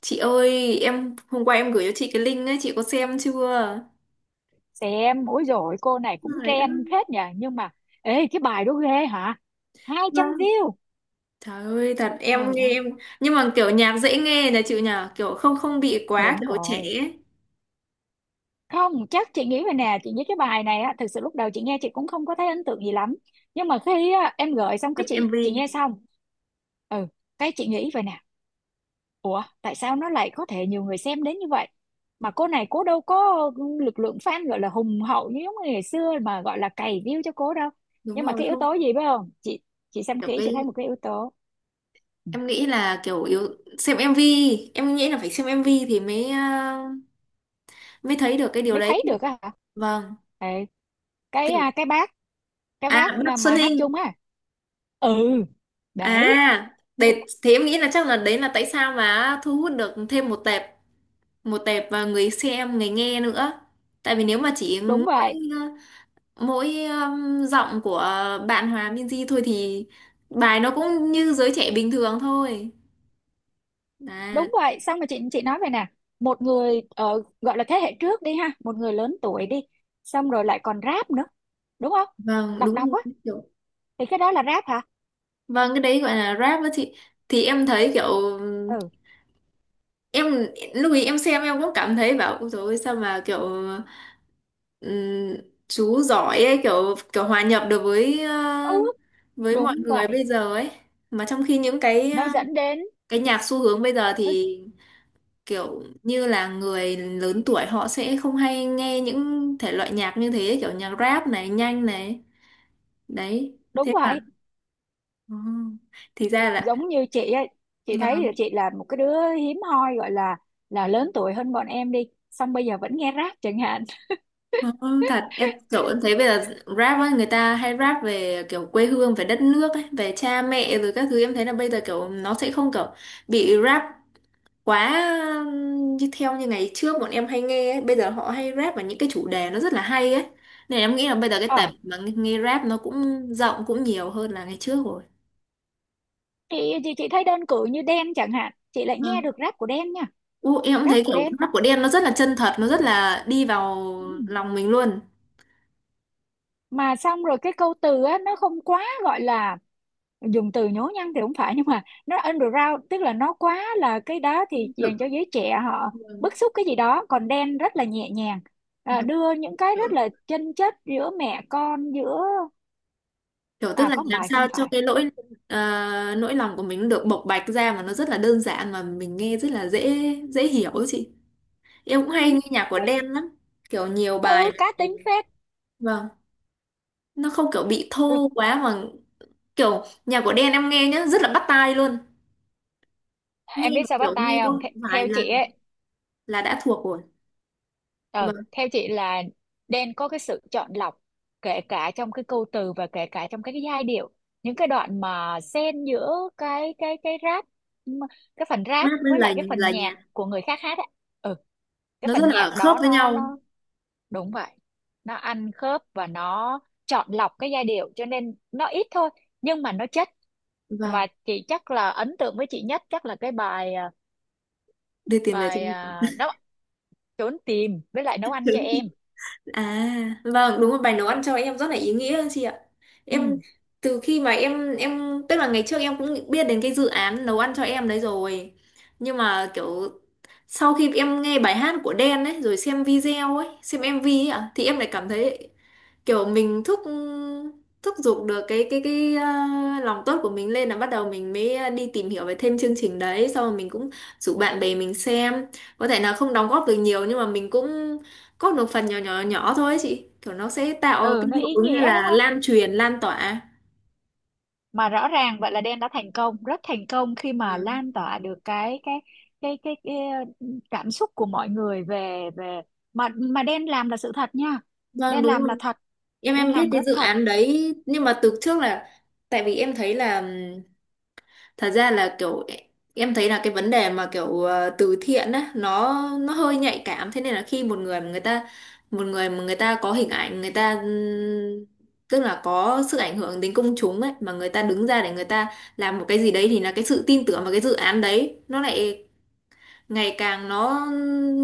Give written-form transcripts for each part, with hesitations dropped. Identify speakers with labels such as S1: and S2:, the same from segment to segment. S1: Chị ơi, em hôm qua em gửi cho chị cái link ấy, chị có xem chưa?
S2: Xem ối rồi, cô này cũng
S1: Trời ơi,
S2: trend phết nhỉ, nhưng mà ê, cái bài đó ghê hả? hai trăm
S1: vâng.
S2: view
S1: Trời ơi, thật em nghe
S2: Rồi.
S1: em nhưng mà kiểu nhạc dễ nghe là chịu nhờ, kiểu không không bị quá
S2: Đúng
S1: kiểu trẻ
S2: rồi.
S1: ấy.
S2: Không, chắc chị nghĩ vậy nè, chị nghĩ cái bài này á, thực sự lúc đầu chị nghe chị cũng không có thấy ấn tượng gì lắm. Nhưng mà khi á, em gửi xong cái
S1: Chụp
S2: chị
S1: MV.
S2: nghe xong. Ừ, cái chị nghĩ vậy nè. Ủa, tại sao nó lại có thể nhiều người xem đến như vậy? Mà cô này cô đâu có lực lượng fan gọi là hùng hậu như giống như ngày xưa mà gọi là cày view cho cô đâu.
S1: Đúng
S2: Nhưng mà
S1: rồi,
S2: cái yếu
S1: không.
S2: tố gì biết không? Chị xem
S1: Kiểu
S2: kỹ chị thấy
S1: cái
S2: một cái yếu tố. Ừ.
S1: em nghĩ là kiểu yếu xem em MV, em nghĩ là phải xem em MV thì mới mới thấy được cái điều
S2: Mới
S1: đấy.
S2: thấy được á hả?
S1: Vâng,
S2: Ê, cái
S1: kiểu
S2: à, cái bác cái
S1: à
S2: bác là
S1: bắc Xuân
S2: mà hát
S1: Hinh.
S2: chung á. Ừ. Đấy,
S1: À, để thế em nghĩ là chắc là đấy là tại sao mà thu hút được thêm một tệp và người xem người nghe nữa, tại vì nếu mà chỉ
S2: đúng
S1: mỗi
S2: vậy.
S1: mỗi giọng của bạn Hòa Minzy thôi thì bài nó cũng như giới trẻ bình thường thôi à,
S2: Đúng vậy, xong rồi chị nói vậy nè. Một người gọi là thế hệ trước đi ha, một người lớn tuổi đi, xong rồi lại còn rap nữa đúng không?
S1: vâng
S2: Đọc
S1: đúng
S2: đọc á,
S1: rồi. Kiểu
S2: thì cái đó là rap hả?
S1: vâng cái đấy gọi là rap đó chị, thì em thấy kiểu
S2: Ừ.
S1: em lúc ý em xem em cũng cảm thấy bảo ôi dồi ôi, sao mà kiểu ừm, chú giỏi ấy, kiểu kiểu hòa nhập được với
S2: Ừ,
S1: với mọi
S2: đúng
S1: người
S2: vậy.
S1: bây giờ ấy, mà trong khi những cái
S2: Nó dẫn đến
S1: cái nhạc xu hướng bây giờ
S2: nó.
S1: thì kiểu như là người lớn tuổi họ sẽ không hay nghe những thể loại nhạc như thế, kiểu nhạc rap này nhanh này, đấy
S2: Đúng
S1: thế mà
S2: vậy.
S1: Ồ, thì ra là
S2: Giống như chị ấy, chị thấy
S1: vâng.
S2: là chị là một cái đứa hiếm hoi gọi là lớn tuổi hơn bọn em đi, xong bây giờ vẫn nghe rap chẳng hạn.
S1: Ồ, thật em kiểu em thấy bây giờ rap ấy, người ta hay rap về kiểu quê hương, về đất nước ấy, về cha mẹ rồi các thứ, em thấy là bây giờ kiểu nó sẽ không kiểu bị rap quá như theo như ngày trước bọn em hay nghe ấy. Bây giờ họ hay rap vào những cái chủ đề nó rất là hay ấy, nên em nghĩ là bây giờ cái tệp
S2: Ờ,
S1: mà nghe, nghe rap nó cũng rộng cũng nhiều hơn là ngày trước rồi.
S2: chị thấy đơn cử như Đen chẳng hạn, chị lại nghe
S1: Vâng.
S2: được rap của Đen nha.
S1: Ú, em cũng thấy
S2: Rap của
S1: kiểu
S2: Đen.
S1: rap của Đen nó rất là chân thật, nó rất là đi vào
S2: Ừ.
S1: lòng mình luôn.
S2: Mà xong rồi cái câu từ á, nó không quá gọi là dùng từ nhố nhăng thì cũng phải, nhưng mà nó underground, tức là nó quá là cái đó thì
S1: Thực
S2: dành cho giới trẻ họ
S1: vâng.
S2: bức xúc cái gì đó, còn Đen rất là nhẹ nhàng,
S1: Vâng,
S2: đưa những cái rất
S1: vâng.
S2: là chân chất giữa mẹ con giữa.
S1: Kiểu tức
S2: À,
S1: là
S2: có một
S1: làm
S2: bài không
S1: sao cho
S2: phải.
S1: cái lỗi ờ, nỗi lòng của mình được bộc bạch ra mà nó rất là đơn giản, mà mình nghe rất là dễ dễ hiểu ấy chị, em cũng hay
S2: Ừ.
S1: nghe nhạc của
S2: Cái.
S1: Đen lắm, kiểu nhiều
S2: Ừ,
S1: bài
S2: cá tính phết.
S1: vâng, nó không kiểu bị
S2: Ừ.
S1: thô quá mà kiểu nhạc của Đen em nghe nhá rất là bắt tai luôn, nghe
S2: Em biết
S1: mà
S2: sao bắt
S1: kiểu
S2: tay
S1: nghe
S2: không?
S1: có vài
S2: Theo chị
S1: lần
S2: ấy,
S1: là đã thuộc rồi. Và
S2: Ờ, theo chị là nên có cái sự chọn lọc, kể cả trong cái câu từ và kể cả trong cái giai điệu, những cái đoạn mà xen giữa cái rap, m- cái phần rap
S1: rap với
S2: với lại
S1: lời
S2: cái phần
S1: lời nhạc
S2: nhạc của người khác hát á. Ừ, cái
S1: nó rất
S2: phần
S1: là
S2: nhạc
S1: khớp
S2: đó
S1: với
S2: nó
S1: nhau,
S2: nó Đúng vậy, nó ăn khớp và nó chọn lọc cái giai điệu cho nên nó ít thôi, nhưng mà nó chất.
S1: vâng
S2: Và chị chắc là ấn tượng với chị nhất chắc là cái bài à,
S1: đưa tiền về cho
S2: bài
S1: mình.
S2: à, nấu trốn tìm với lại nấu ăn cho em.
S1: À vâng đúng rồi, bài nấu ăn cho em rất là ý nghĩa chị ạ. Em
S2: Ừ.
S1: từ khi mà em tức là ngày trước em cũng biết đến cái dự án nấu ăn cho em đấy rồi, nhưng mà kiểu sau khi em nghe bài hát của Đen ấy rồi xem video ấy xem MV ấy ạ thì em lại cảm thấy kiểu mình thúc, thúc giục được cái lòng tốt của mình lên, là bắt đầu mình mới đi tìm hiểu về thêm chương trình đấy, xong rồi mình cũng rủ bạn bè mình xem, có thể là không đóng góp được nhiều nhưng mà mình cũng góp được phần nhỏ nhỏ nhỏ thôi ấy chị, kiểu nó sẽ tạo
S2: Ừ,
S1: cái
S2: nó
S1: hiệu
S2: ý
S1: ứng như
S2: nghĩa đúng
S1: là
S2: không?
S1: lan truyền lan tỏa.
S2: Mà rõ ràng vậy là Đen đã thành công, rất thành công khi mà
S1: Vâng,
S2: lan tỏa được cái cảm xúc của mọi người về về mà Đen làm là sự thật nha.
S1: vâng,
S2: Đen
S1: đúng
S2: làm
S1: rồi.
S2: là thật.
S1: Em
S2: Đen
S1: em biết
S2: làm
S1: cái
S2: rất
S1: dự
S2: thật.
S1: án đấy nhưng mà từ trước là tại vì em thấy là thật ra là kiểu em thấy là cái vấn đề mà kiểu từ thiện á, nó hơi nhạy cảm, thế nên là khi một người mà người ta một người mà người ta có hình ảnh người ta tức là có sức ảnh hưởng đến công chúng ấy, mà người ta đứng ra để người ta làm một cái gì đấy thì là cái sự tin tưởng vào cái dự án đấy nó lại ngày càng nó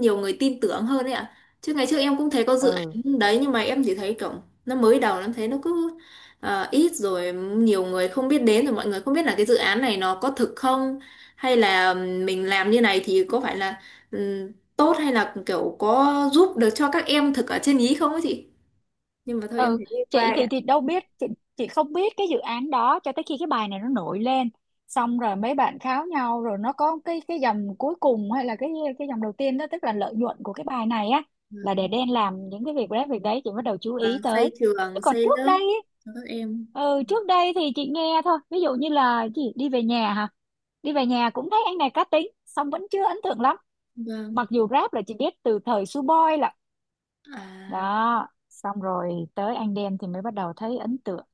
S1: nhiều người tin tưởng hơn ấy ạ, chứ ngày trước em cũng thấy có dự
S2: Ừ,
S1: án đấy nhưng mà em chỉ thấy kiểu nó mới đầu em thấy nó cứ ít rồi nhiều người không biết đến, rồi mọi người không biết là cái dự án này nó có thực không, hay là mình làm như này thì có phải là tốt, hay là kiểu có giúp được cho các em thực ở trên ý không ấy chị, nhưng mà thôi em
S2: ừ,
S1: thấy đi qua
S2: chị
S1: ấy
S2: thì
S1: ạ.
S2: thì đâu biết chị không biết cái dự án đó cho tới khi cái bài này nó nổi lên, xong rồi mấy bạn kháo nhau rồi nó có cái dòng cuối cùng hay là cái dòng đầu tiên đó, tức là lợi nhuận của cái bài này á là để
S1: Vâng.
S2: Đen làm những cái việc đấy, việc đấy chị bắt đầu chú
S1: Vâng,
S2: ý
S1: xây
S2: tới. Chứ
S1: trường
S2: còn
S1: xây
S2: trước
S1: lớp
S2: đây ấy,
S1: cho các em.
S2: ừ trước đây thì chị nghe thôi, ví dụ như là cái gì đi về nhà hả? Đi về nhà cũng thấy anh này cá tính xong vẫn chưa ấn tượng lắm.
S1: Vâng.
S2: Mặc dù rap là chị biết từ thời Suboi là
S1: À,
S2: đó, xong rồi tới anh Đen thì mới bắt đầu thấy ấn tượng.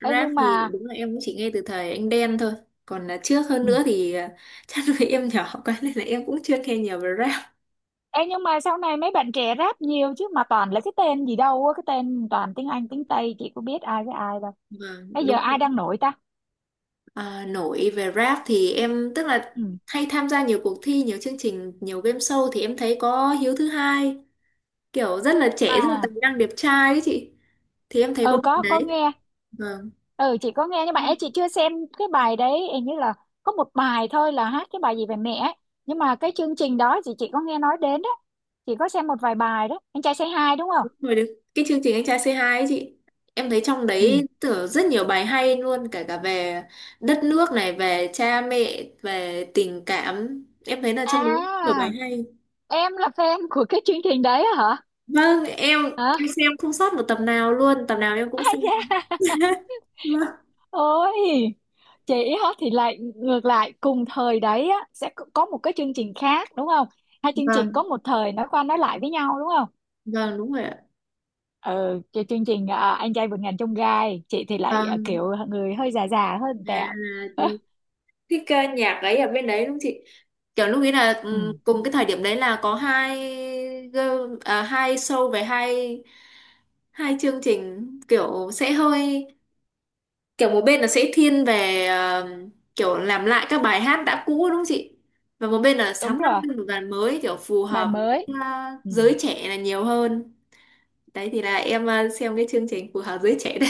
S2: Ê,
S1: rap
S2: nhưng
S1: thì
S2: mà
S1: đúng là em cũng chỉ nghe từ thời anh Đen thôi. Còn là trước hơn
S2: ừ.
S1: nữa thì à, chắc vì em nhỏ quá nên là em cũng chưa nghe nhiều về rap.
S2: Ê, nhưng mà sau này mấy bạn trẻ rap nhiều chứ, mà toàn là cái tên gì đâu á, cái tên toàn tiếng Anh tiếng Tây chị có biết ai với ai đâu.
S1: Vâng,
S2: Bây giờ
S1: đúng
S2: ai
S1: rồi.
S2: đang nổi ta?
S1: À, nổi về rap thì em tức là
S2: Ừ.
S1: hay tham gia nhiều cuộc thi, nhiều chương trình, nhiều game show thì em thấy có Hiếu thứ hai, kiểu rất là trẻ, rất là
S2: À,
S1: tài năng, đẹp trai ấy chị. Thì em thấy có
S2: ừ,
S1: bạn
S2: có
S1: đấy.
S2: nghe.
S1: Vâng.
S2: Ừ, chị có nghe nhưng mà ấy, chị chưa xem cái bài đấy, hình như là có một bài thôi là hát cái bài gì về mẹ ấy. Nhưng mà cái chương trình đó thì chị có nghe nói đến đó. Chị có xem một vài bài đó. Anh trai say hi đúng không?
S1: Rồi được. Cái chương trình Anh trai C2 ấy chị, em thấy trong
S2: Ừ.
S1: đấy tưởng rất nhiều bài hay luôn, cả cả về đất nước này, về cha mẹ, về tình cảm. Em thấy là trong đấy nhiều bài
S2: À,
S1: hay.
S2: em là fan của cái chương trình đấy hả
S1: Vâng
S2: hả
S1: em xem không sót một tập nào luôn, tập nào em cũng
S2: Ai
S1: xem.
S2: da.
S1: Vâng.
S2: Ôi, chị hả? Thì lại ngược lại, cùng thời đấy á sẽ có một cái chương trình khác đúng không? Hai chương trình
S1: Vâng
S2: có một thời nói qua nói lại với nhau đúng không?
S1: vâng đúng rồi ạ.
S2: Ừ, cái chương trình anh trai vượt ngàn chông gai, chị thì lại
S1: Vâng.
S2: kiểu người hơi già già hơn
S1: À,
S2: tẹo.
S1: cái ca nhạc ấy ở bên đấy đúng chị, kiểu lúc ấy là
S2: Ừ,
S1: ừ, cùng cái thời điểm đấy là có hai à, hai show về hai hai chương trình kiểu sẽ hơi kiểu một bên là sẽ thiên về kiểu làm lại các bài hát đã cũ đúng không chị, và một bên là sáng
S2: đúng
S1: tác
S2: rồi,
S1: những bài mới kiểu phù
S2: bài
S1: hợp
S2: mới.
S1: với
S2: Ừ.
S1: giới trẻ là nhiều hơn, đấy thì là em xem cái chương trình phù hợp giới trẻ đấy.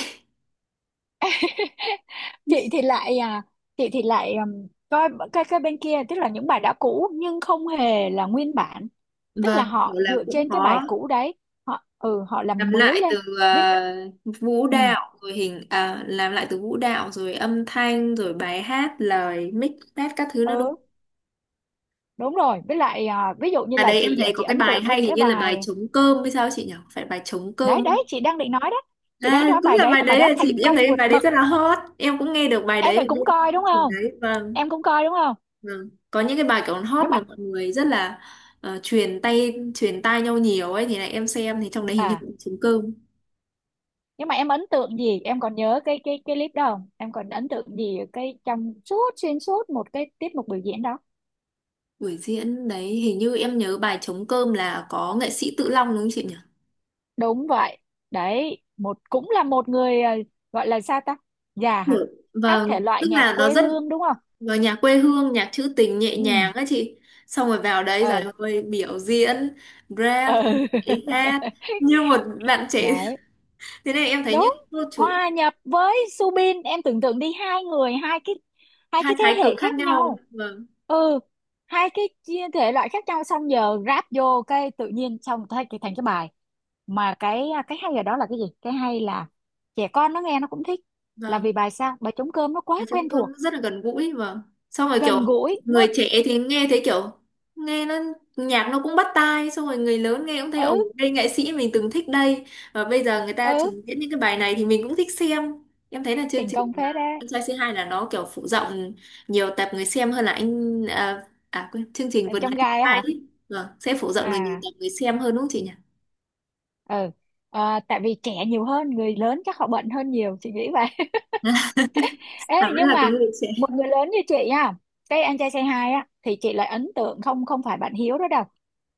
S2: chị thì lại à, chị thì lại coi cái bên kia, tức là những bài đã cũ nhưng không hề là nguyên bản, tức là
S1: Vâng. Kiểu
S2: họ
S1: là
S2: dựa
S1: cũng
S2: trên cái bài
S1: có
S2: cũ đấy, họ
S1: làm
S2: làm mới
S1: lại
S2: lên.
S1: từ
S2: Ví-
S1: vũ
S2: ừ,
S1: đạo rồi hình làm lại từ vũ đạo rồi âm thanh rồi bài hát lời mix test các thứ nữa đúng
S2: ừ,
S1: không?
S2: đúng rồi, với lại ví dụ như
S1: À
S2: là
S1: đấy em
S2: chị à,
S1: thấy
S2: chị
S1: có cái
S2: ấn
S1: bài
S2: tượng với
S1: hay, hình
S2: cái
S1: như là bài
S2: bài.
S1: Trống cơm hay sao chị nhỉ, phải bài Trống
S2: Đấy
S1: cơm không?
S2: đấy, chị đang định nói đó. Chị đang
S1: À
S2: nói
S1: cũng
S2: bài
S1: là
S2: đấy,
S1: bài
S2: cái bài
S1: đấy
S2: đó
S1: à chị,
S2: thành
S1: em
S2: công
S1: thấy
S2: vượt
S1: bài đấy
S2: bậc.
S1: rất là hot, em cũng nghe được bài
S2: Em
S1: đấy
S2: vậy
S1: ở bên
S2: cũng coi
S1: chương
S2: đúng
S1: trình
S2: không?
S1: đấy. Vâng.
S2: Em cũng coi đúng không?
S1: Vâng có những cái bài kiểu hot
S2: nhưng mà
S1: mà mọi người rất là truyền tay truyền tai nhau nhiều ấy, thì này em xem thì trong đấy hình như
S2: à
S1: cũng Trống cơm.
S2: nhưng mà em ấn tượng gì, em còn nhớ cái clip đó không? Em còn ấn tượng gì ở cái trong suốt xuyên suốt một cái tiết mục biểu diễn đó?
S1: Buổi diễn đấy hình như em nhớ bài Trống cơm là có nghệ sĩ Tự Long đúng không chị nhỉ?
S2: Đúng vậy. Đấy, một cũng là một người gọi là sao ta? Già hả?
S1: Được.
S2: Hát
S1: Vâng,
S2: thể
S1: tức
S2: loại nhạc
S1: là nó
S2: quê
S1: rất
S2: hương đúng không?
S1: vào nhà quê hương, nhạc trữ tình nhẹ
S2: Ừ.
S1: nhàng á chị. Xong rồi vào đấy rồi
S2: Ờ.
S1: ơi biểu diễn, rap,
S2: Ờ.
S1: nhảy hát như một bạn trẻ.
S2: Đấy,
S1: Thế này em thấy
S2: đúng.
S1: những cô chú
S2: Hòa nhập với Subin, em tưởng tượng đi, hai người hai cái, hai
S1: hai
S2: cái thế
S1: thái
S2: hệ
S1: cực khác
S2: khác
S1: nhau.
S2: nhau.
S1: Vâng,
S2: Ừ, hai cái chia thể loại khác nhau, xong giờ ráp vô cái tự nhiên xong thay cái thành cái bài, mà cái hay ở đó là cái gì? Cái hay là trẻ con nó nghe nó cũng thích, là
S1: vâng.
S2: vì bài sao, bài trống cơm nó quá
S1: Bài Trống
S2: quen
S1: cơm nó
S2: thuộc.
S1: rất là gần gũi, và xong rồi
S2: Gần
S1: kiểu
S2: gũi nó.
S1: người trẻ thì nghe thấy kiểu nghe nó nhạc nó cũng bắt tai, xong rồi người lớn nghe cũng thấy ồ
S2: Ừ.
S1: đây nghệ sĩ mình từng thích đây, và bây giờ người ta
S2: Ừ,
S1: trình diễn những cái bài này thì mình cũng thích xem. Em thấy là chương
S2: thành
S1: trình
S2: công phết
S1: à,
S2: đấy.
S1: Anh trai C2 là nó kiểu phụ rộng nhiều tập người xem hơn là anh à, à quên chương trình
S2: Ở
S1: Vườn
S2: trong
S1: nắng tương
S2: gai á
S1: lai
S2: hả?
S1: ấy. Vâng, sẽ phụ rộng được nhiều
S2: À.
S1: tập người xem hơn đúng không chị nhỉ.
S2: Ừ. Ờ, tại vì trẻ nhiều hơn người lớn chắc họ bận hơn nhiều, chị nghĩ vậy. Ê,
S1: À, vẫn
S2: nhưng
S1: là có
S2: mà
S1: người trẻ.
S2: một người lớn như chị á, cái anh trai say hi á thì chị lại ấn tượng, không, không phải bạn Hiếu đó đâu.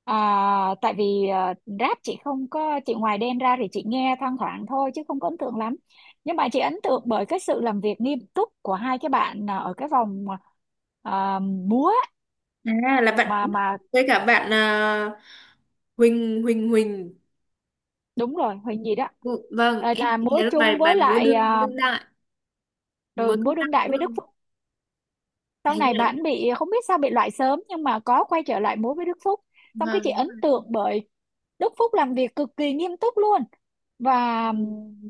S2: Tại vì rap chị không có, chị ngoài Đen ra thì chị nghe thoang thoảng thôi chứ không có ấn tượng lắm, nhưng mà chị ấn tượng bởi cái sự làm việc nghiêm túc của hai cái bạn ở cái vòng múa.
S1: À là
S2: mà
S1: bạn
S2: mà
S1: với cả bạn à, Huỳnh Huỳnh Huỳnh
S2: đúng rồi, Huỳnh gì đó.
S1: Vâng,
S2: Ờ,
S1: em
S2: là
S1: chỉ
S2: múa
S1: thấy là
S2: chung
S1: bài bài
S2: với
S1: múa
S2: lại
S1: đương đương đại,
S2: ừ,
S1: mới công
S2: múa
S1: tác
S2: đương đại với Đức
S1: quân,
S2: Phúc. Sau
S1: hình như
S2: này
S1: là
S2: bạn bị không biết sao bị loại sớm, nhưng mà có quay trở lại múa với Đức Phúc.
S1: vâng,
S2: Xong cái chị
S1: vâng, đúng
S2: ấn
S1: rồi.
S2: tượng bởi Đức Phúc làm việc cực kỳ nghiêm túc luôn, và
S1: Ừ.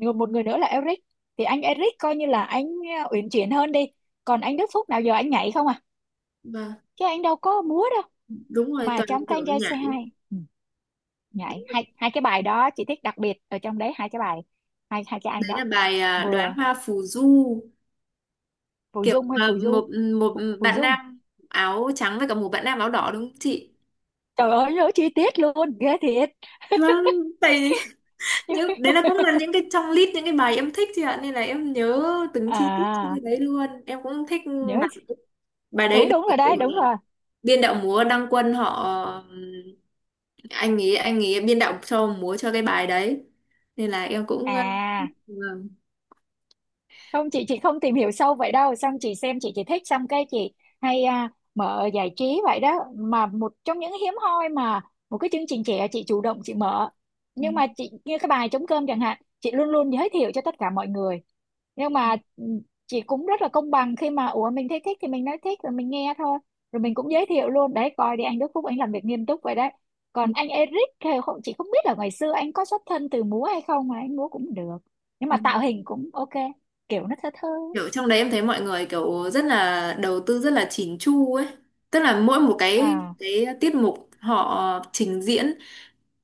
S2: một người nữa là Eric. Thì anh Eric coi như là anh uyển chuyển hơn đi. Còn anh Đức Phúc nào giờ anh nhảy không à,
S1: Vâng,
S2: chứ anh đâu có múa đâu.
S1: đúng rồi,
S2: Mà
S1: toàn
S2: trong cái
S1: kiểu
S2: anh trai
S1: nhảy.
S2: C2, ừ, nhảy hai hai cái bài đó chị thích, đặc biệt ở trong đấy hai cái bài, hai hai cái anh
S1: Đấy là
S2: đó.
S1: bài à, Đóa
S2: Vừa,
S1: hoa phù du,
S2: phù
S1: kiểu
S2: dung hay
S1: mà
S2: phù du?
S1: một một
S2: Phù
S1: bạn
S2: dung.
S1: nam áo trắng với cả một bạn nam áo đỏ đúng không chị?
S2: Trời ơi, nhớ chi tiết luôn ghê thiệt.
S1: Vâng, tại những đấy là cũng là những cái trong list những cái bài em thích chị ạ, nên là em nhớ từng chi tiết trên
S2: À,
S1: cái đấy luôn. Em cũng thích
S2: nhớ.
S1: bài, bài đấy
S2: Đúng đúng rồi
S1: được
S2: đấy, đúng rồi.
S1: biên đạo múa Đăng Quân họ anh ấy biên đạo cho múa cho cái bài đấy, nên là em cũng
S2: À
S1: vâng.
S2: không, chị không tìm hiểu sâu vậy đâu, xong chị xem, chị chỉ thích xong cái chị hay mở giải trí vậy đó, mà một trong những hiếm hoi mà một cái chương trình trẻ chị chủ động chị mở,
S1: Ừ.
S2: nhưng mà chị như cái bài trống cơm chẳng hạn chị luôn luôn giới thiệu cho tất cả mọi người. Nhưng mà chị cũng rất là công bằng, khi mà ủa mình thấy thích thì mình nói thích rồi mình nghe thôi, rồi mình cũng giới thiệu luôn, đấy coi đi, anh Đức Phúc anh làm việc nghiêm túc vậy đấy, còn anh Eric thì không, chị không biết là ngày xưa anh có xuất thân từ múa hay không mà anh múa cũng được, nhưng
S1: Ừ.
S2: mà tạo hình cũng OK, kiểu nó thơ thơ.
S1: Kiểu trong đấy em thấy mọi người kiểu rất là đầu tư rất là chỉn chu ấy, tức là mỗi một cái
S2: À.
S1: cái tiết mục họ trình diễn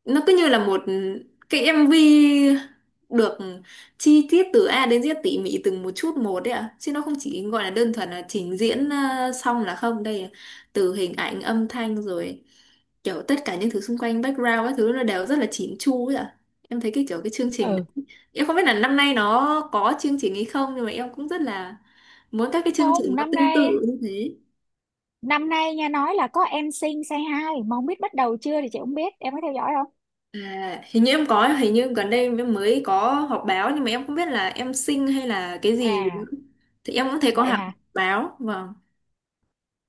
S1: nó cứ như là một cái MV được chi tiết từ A đến Z tỉ mỉ từng một chút một đấy ạ, chứ nó không chỉ gọi là đơn thuần là trình diễn xong là không, đây là từ hình ảnh âm thanh rồi kiểu tất cả những thứ xung quanh background các thứ nó đều rất là chỉn chu ấy ạ, em thấy cái kiểu cái chương trình đấy.
S2: Ừ.
S1: Em không biết là năm nay nó có chương trình hay không, nhưng mà em cũng rất là muốn các cái chương trình
S2: Không,
S1: nó
S2: năm
S1: tương
S2: nay,
S1: tự như thế.
S2: năm nay nha, nói là có Em Sing Say Hi mà không biết bắt đầu chưa thì chị không biết em có theo dõi không.
S1: À, hình như em có, hình như gần đây em mới có họp báo, nhưng mà em không biết là Em xinh hay là cái gì nữa.
S2: À
S1: Thì em cũng thấy có
S2: vậy
S1: hẳn
S2: hả?
S1: báo, vâng.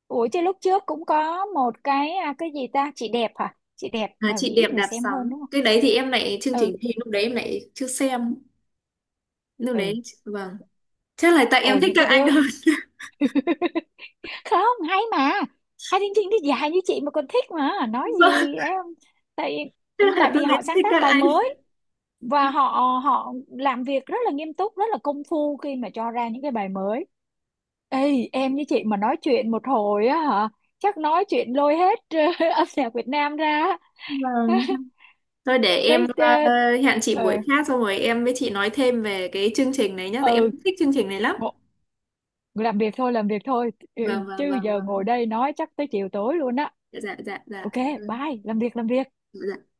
S2: Ủa chứ lúc trước cũng có một cái cái gì ta, chị đẹp hả, chị đẹp
S1: À,
S2: là
S1: Chị
S2: vì
S1: đẹp
S2: ít người
S1: đạp
S2: xem
S1: sóng.
S2: hơn đúng không?
S1: Cái đấy thì em lại chương
S2: Ừ.
S1: trình thì lúc đấy em lại chưa xem. Lúc
S2: Ừ.
S1: đấy vâng. Chắc là tại em
S2: Ôi,
S1: thích
S2: những cái
S1: các
S2: đứa
S1: anh hơn.
S2: không hay mà, hai chương trình thì dài như chị mà còn thích mà nói
S1: Vâng,
S2: gì em. tại
S1: chắc là
S2: tại
S1: lúc
S2: vì
S1: đấy
S2: họ
S1: em
S2: sáng
S1: thích
S2: tác
S1: các
S2: bài
S1: anh.
S2: mới, và họ họ làm việc rất là nghiêm túc, rất là công phu khi mà cho ra những cái bài mới. Ê, em với chị mà nói chuyện một hồi á hả, chắc nói chuyện lôi hết âm nhạc Việt Nam ra á.
S1: Vâng. Thôi để em
S2: Tới,
S1: hẹn chị
S2: ờ,
S1: buổi khác xong rồi em với chị nói thêm về cái chương trình này nhá, tại
S2: ờ,
S1: em
S2: ừ,
S1: thích chương trình này lắm.
S2: ngộ- làm việc thôi, làm việc thôi. Ừ,
S1: Vâng
S2: chứ
S1: vâng vâng
S2: giờ
S1: vâng.
S2: ngồi đây nói chắc tới chiều tối luôn á.
S1: Dạ dạ
S2: OK,
S1: dạ. Vâng.
S2: bye, làm việc làm việc.
S1: Dạ.